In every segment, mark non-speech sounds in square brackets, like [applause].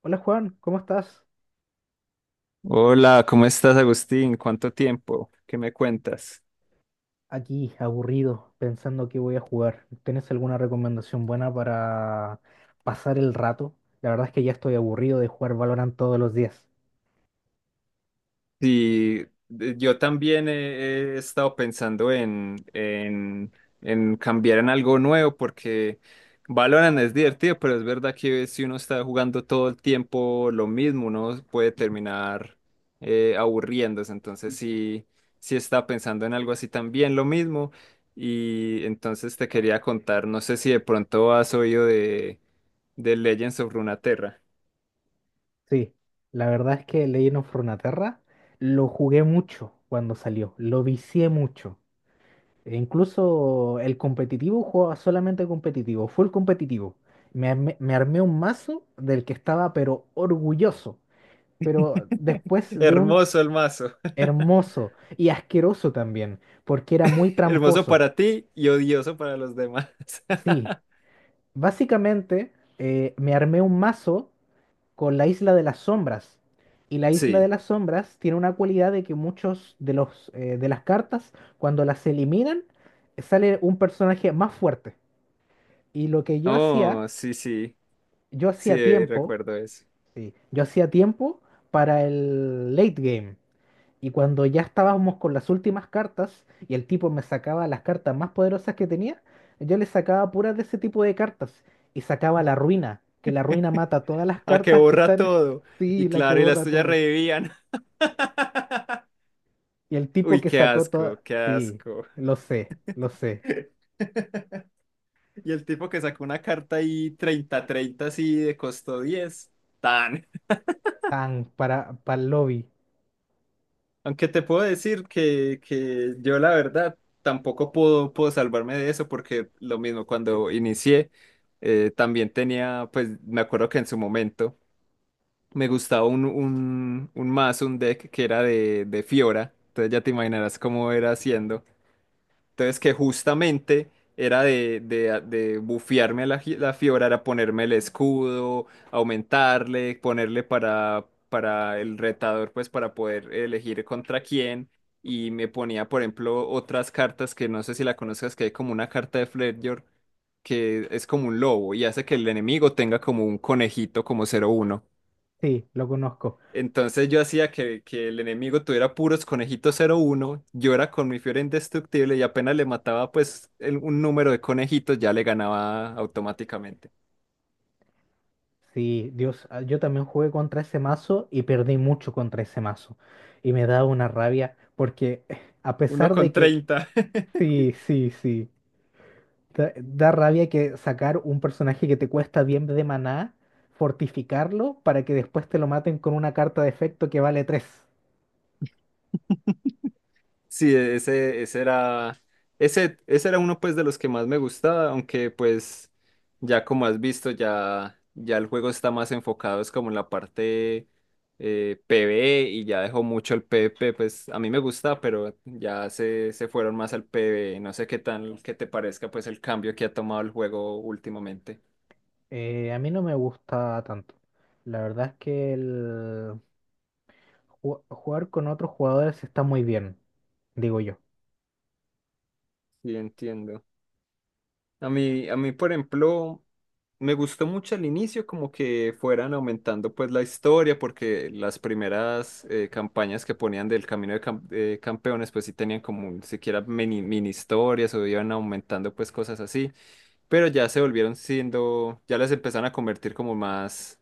Hola Juan, ¿cómo estás? Hola, ¿cómo estás, Agustín? ¿Cuánto tiempo? ¿Qué me cuentas? Aquí, aburrido, pensando que voy a jugar. ¿Tienes alguna recomendación buena para pasar el rato? La verdad es que ya estoy aburrido de jugar Valorant todos los días. Sí, yo también he estado pensando en cambiar en algo nuevo porque Valorant es divertido, pero es verdad que si uno está jugando todo el tiempo lo mismo, uno puede terminar aburriéndose. Entonces sí, sí estaba pensando en algo así también, lo mismo. Y entonces te quería contar, no sé si de pronto has oído de Legends of Runeterra. Sí, la verdad es que Legend of Runeterra lo jugué mucho cuando salió, lo vicié mucho. E incluso el competitivo jugaba solamente competitivo, full competitivo. Me armé un mazo del que estaba pero orgulloso. Pero después de un Hermoso el mazo. [laughs] hermoso y asqueroso también, porque era muy Hermoso tramposo. para ti y odioso para los demás. Sí, [laughs] básicamente me armé un mazo con la Isla de las Sombras. Y la Isla de Sí. las Sombras tiene una cualidad de que muchos de los de las cartas, cuando las eliminan, sale un personaje más fuerte. Y lo que yo hacía, Oh, sí, sí. yo Sí, hacía tiempo, recuerdo eso. sí, yo hacía tiempo para el late game. Y cuando ya estábamos con las últimas cartas y el tipo me sacaba las cartas más poderosas que tenía, yo le sacaba puras de ese tipo de cartas y sacaba la ruina, que la ruina mata todas las Ah, que cartas que borra están. [laughs] todo. Y Sí, la que claro, y las borra tuyas todo. revivían. Y el [laughs] tipo Uy, que qué sacó todas. asco, qué Sí, asco. lo sé, lo sé. [laughs] Y el tipo que sacó una carta ahí 30 30 así de costo 10. Tan. Tan, para el lobby. Aunque te puedo decir que yo la verdad tampoco puedo salvarme de eso porque lo mismo cuando inicié, también tenía. Pues me acuerdo que en su momento me gustaba un mazo, un deck que era de Fiora. Entonces ya te imaginarás cómo era haciendo. Entonces que justamente era de bufearme a la Fiora, era ponerme el escudo, aumentarle, ponerle para el retador, pues para poder elegir contra quién. Y me ponía, por ejemplo, otras cartas que no sé si la conozcas, que hay como una carta de Fledger que es como un lobo y hace que el enemigo tenga como un conejito como cero uno. Sí, lo conozco. Entonces yo hacía que el enemigo tuviera puros conejitos cero uno, yo era con mi Fiora indestructible, y apenas le mataba pues un número de conejitos, ya le ganaba automáticamente. Sí, Dios, ah, yo también jugué contra ese mazo y perdí mucho contra ese mazo. Y me daba una rabia porque [laughs] a Uno pesar con de que. 30. [laughs] Sí, sí, sí. Da rabia que sacar un personaje que te cuesta bien de maná, fortificarlo para que después te lo maten con una carta de efecto que vale 3. Sí, ese era uno pues de los que más me gustaba, aunque pues ya como has visto, ya el juego está más enfocado, es como en la parte PvE, y ya dejó mucho el PvP. Pues a mí me gusta, pero ya se fueron más al PvE. No sé qué te parezca pues el cambio que ha tomado el juego últimamente. A mí no me gusta tanto. La verdad es que el jugar con otros jugadores está muy bien, digo yo. Sí, entiendo. A mí, por ejemplo, me gustó mucho al inicio como que fueran aumentando pues la historia, porque las primeras campañas que ponían del Camino de Campeones pues sí tenían como siquiera mini historias, o iban aumentando pues cosas así. Pero ya se volvieron siendo, ya las empezaron a convertir como más,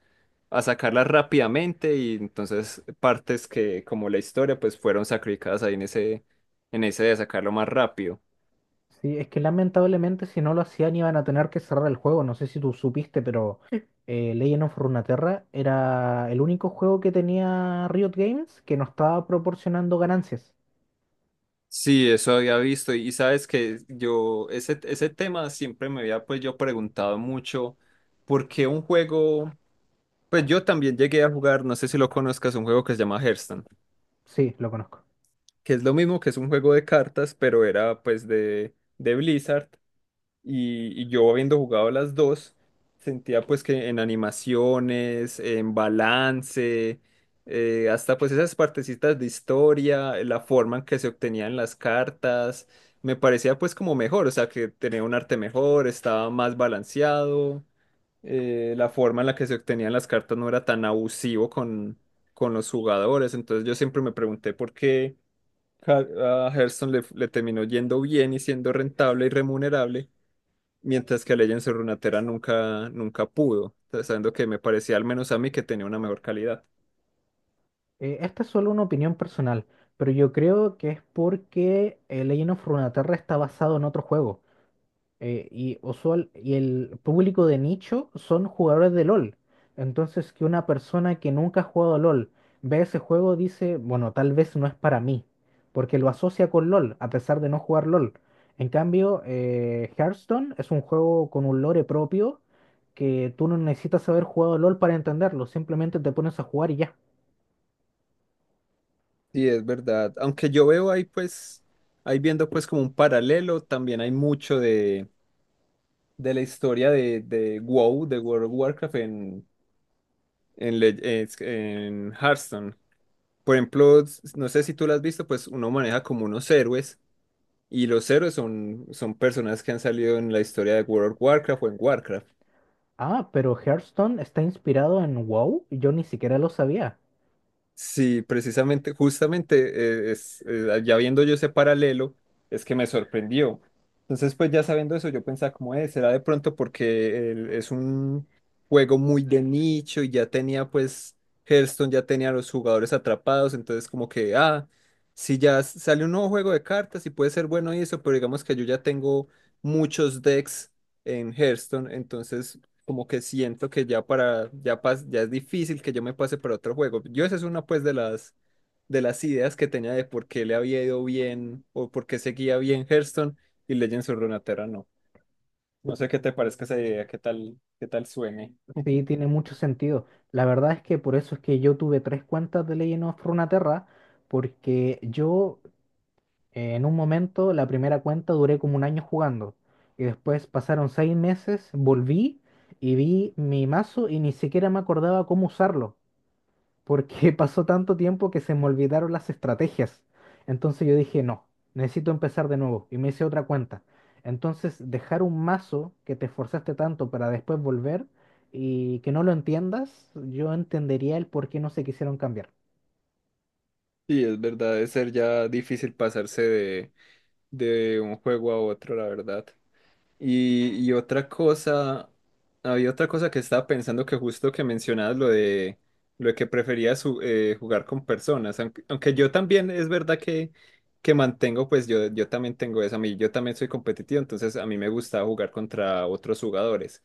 a sacarlas rápidamente, y entonces partes que como la historia pues fueron sacrificadas ahí en ese, de sacarlo más rápido. Sí, es que lamentablemente si no lo hacían iban a tener que cerrar el juego. No sé si tú supiste, pero Legend of Runeterra era el único juego que tenía Riot Games que no estaba proporcionando ganancias. Sí, eso había visto. Y sabes que yo ese tema siempre me había pues yo preguntado mucho por qué un juego, pues yo también llegué a jugar, no sé si lo conozcas, un juego que se llama Hearthstone, Sí, lo conozco. que es lo mismo, que es un juego de cartas, pero era pues de Blizzard. Y yo, habiendo jugado las dos, sentía pues que en animaciones, en balance, hasta pues esas partecitas de historia, la forma en que se obtenían las cartas, me parecía pues como mejor. O sea, que tenía un arte mejor, estaba más balanceado, la forma en la que se obtenían las cartas no era tan abusivo con los jugadores. Entonces yo siempre me pregunté por qué. A Hearthstone le terminó yendo bien y siendo rentable y remunerable, mientras que Legends of Runeterra nunca, nunca pudo, sabiendo que me parecía al menos a mí que tenía una mejor calidad. Esta es solo una opinión personal, pero yo creo que es porque Legend of Runeterra está basado en otro juego. Y y el público de nicho son jugadores de LOL. Entonces, que una persona que nunca ha jugado a LOL ve ese juego, dice, bueno, tal vez no es para mí, porque lo asocia con LOL, a pesar de no jugar LOL. En cambio, Hearthstone es un juego con un lore propio que tú no necesitas haber jugado LOL para entenderlo, simplemente te pones a jugar y ya. Sí, es verdad. Aunque yo veo ahí pues, ahí viendo pues como un paralelo, también hay mucho de la historia de WoW, de World of Warcraft en en Hearthstone. Por ejemplo, no sé si tú lo has visto, pues uno maneja como unos héroes, y los héroes son personas que han salido en la historia de World of Warcraft o en Warcraft. Ah, pero Hearthstone está inspirado en WoW. Yo ni siquiera lo sabía. Sí, precisamente, justamente, ya viendo yo ese paralelo, es que me sorprendió. Entonces, pues ya sabiendo eso, yo pensaba como, es será de pronto porque es un juego muy de nicho, y ya tenía, pues, Hearthstone ya tenía a los jugadores atrapados. Entonces como que, ah, si ya sale un nuevo juego de cartas y puede ser bueno y eso, pero digamos que yo ya tengo muchos decks en Hearthstone, entonces como que siento que ya es difícil que yo me pase para otro juego. Yo esa es una pues de las, ideas que tenía de por qué le había ido bien o por qué seguía bien Hearthstone y Legends of Runeterra no. No sé qué te parezca esa idea, qué tal, suene. Sí, tiene mucho sentido. La verdad es que por eso es que yo tuve tres cuentas de Legend of Runeterra, porque yo en un momento, la primera cuenta duré como un año jugando. Y después pasaron seis meses, volví y vi mi mazo y ni siquiera me acordaba cómo usarlo, porque [laughs] pasó tanto tiempo que se me olvidaron las estrategias. Entonces yo dije, no, necesito empezar de nuevo y me hice otra cuenta. Entonces dejar un mazo que te esforzaste tanto para después volver y que no lo entiendas, yo entendería el por qué no se quisieron cambiar. Sí, es verdad, es ser ya difícil pasarse de un juego a otro, la verdad. Y otra cosa, había otra cosa que estaba pensando, que justo que mencionabas lo de que preferías jugar con personas. Aunque, yo también es verdad que mantengo, pues yo también tengo eso, a mí, yo también soy competitivo, entonces a mí me gusta jugar contra otros jugadores.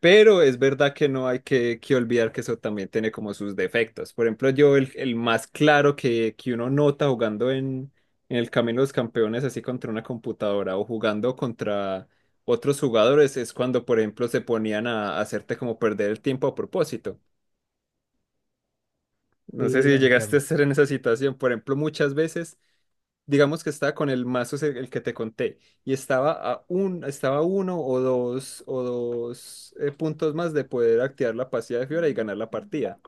Pero es verdad que no hay que olvidar que eso también tiene como sus defectos. Por ejemplo, yo el más claro que uno nota jugando en el Camino de los Campeones, así contra una computadora o jugando contra otros jugadores, es cuando, por ejemplo, se ponían a hacerte como perder el tiempo a propósito. No Sí, sé lo si llegaste a entiendo. estar en esa situación. Por ejemplo, muchas veces digamos que estaba con el mazo el que te conté y estaba estaba a uno o dos puntos más de poder activar la pasiva de Fiora y ganar la partida.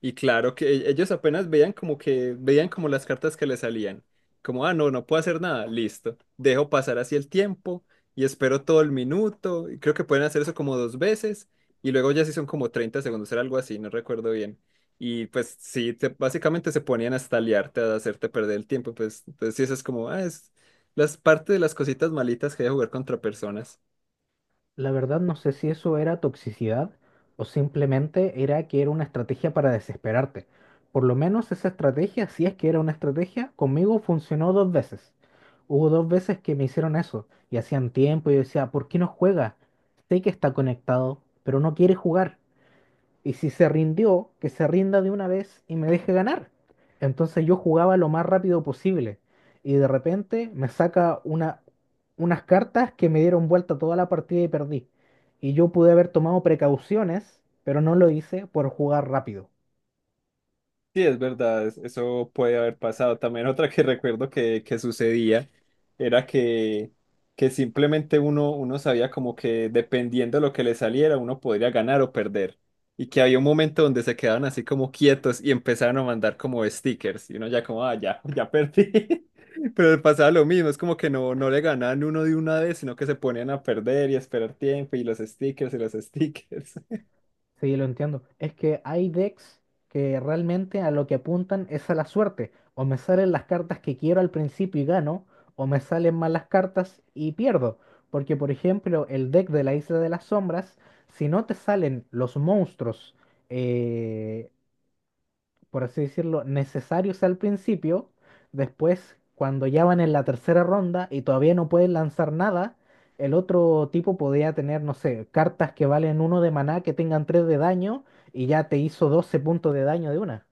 Y claro que ellos apenas veían como que veían como las cartas que le salían. Como, ah, no, no puedo hacer nada, listo. Dejo pasar así el tiempo y espero todo el minuto. Y creo que pueden hacer eso como dos veces, y luego ya sí son como 30 segundos, era algo así, no recuerdo bien. Y pues sí, básicamente se ponían hasta liarte, a hacerte perder el tiempo. Pues entonces sí, eso es como, ah, es las parte de las cositas malitas que hay de jugar contra personas. La verdad no sé si eso era toxicidad o simplemente era que era una estrategia para desesperarte. Por lo menos esa estrategia, si es que era una estrategia, conmigo funcionó dos veces. Hubo dos veces que me hicieron eso y hacían tiempo y yo decía, ¿por qué no juega? Sé que está conectado, pero no quiere jugar. Y si se rindió, que se rinda de una vez y me deje ganar. Entonces yo jugaba lo más rápido posible. Y de repente me saca unas cartas que me dieron vuelta toda la partida y perdí. Y yo pude haber tomado precauciones, pero no lo hice por jugar rápido. Sí, es verdad, eso puede haber pasado. También otra que [laughs] recuerdo que sucedía, era que simplemente uno sabía como que dependiendo de lo que le saliera, uno podría ganar o perder. Y que había un momento donde se quedaban así como quietos y empezaron a mandar como stickers. Y uno ya como, ah, ya perdí. [laughs] Pero le pasaba lo mismo, es como que no, no le ganaban uno de una vez, sino que se ponían a perder y a esperar tiempo y los stickers y los [laughs] stickers. Sí, lo entiendo. Es que hay decks que realmente a lo que apuntan es a la suerte. O me salen las cartas que quiero al principio y gano, o me salen malas cartas y pierdo. Porque, por ejemplo, el deck de la Isla de las Sombras, si no te salen los monstruos eh, por así decirlo, necesarios al principio. Después, cuando ya van en la tercera ronda y todavía no pueden lanzar nada, el otro tipo podía tener, no sé, cartas que valen uno de maná que tengan tres de daño y ya te hizo 12 puntos de daño de una.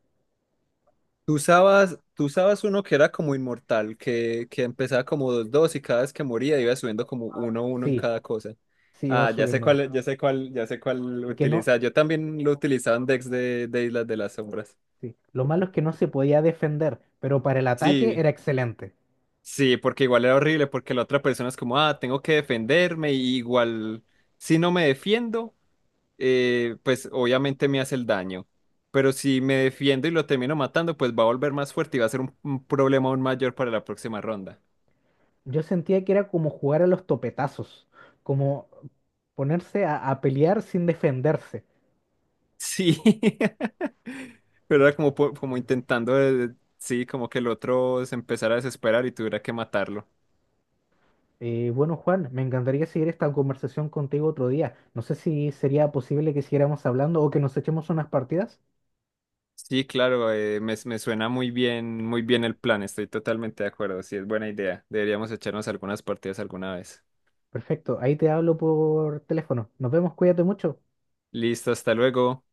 Tú usabas uno que era como inmortal, que empezaba como dos dos y cada vez que moría iba subiendo como uno uno en Sí, cada cosa. sí, va Ah, ya sé subiendo uno. cuál, ya sé cuál, ya sé cuál Y que no, utilizaba. Yo también lo utilizaba en decks de Islas de las Sombras. sí. Lo malo es que no se podía defender, pero para el ataque Sí, era excelente. sí, porque igual era horrible, porque la otra persona es como, ah, tengo que defenderme, y igual si no me defiendo, pues obviamente me hace el daño. Pero si me defiendo y lo termino matando, pues va a volver más fuerte y va a ser un problema aún mayor para la próxima ronda. Yo sentía que era como jugar a los topetazos, como ponerse a pelear sin defenderse. Sí, [laughs] pero era como, como intentando, sí, como que el otro se empezara a desesperar y tuviera que matarlo. Bueno, Juan, me encantaría seguir esta conversación contigo otro día. No sé si sería posible que siguiéramos hablando o que nos echemos unas partidas. Sí, claro, me suena muy bien el plan, estoy totalmente de acuerdo, sí, es buena idea. Deberíamos echarnos algunas partidas alguna vez. Perfecto, ahí te hablo por teléfono. Nos vemos, cuídate mucho. Listo, hasta luego.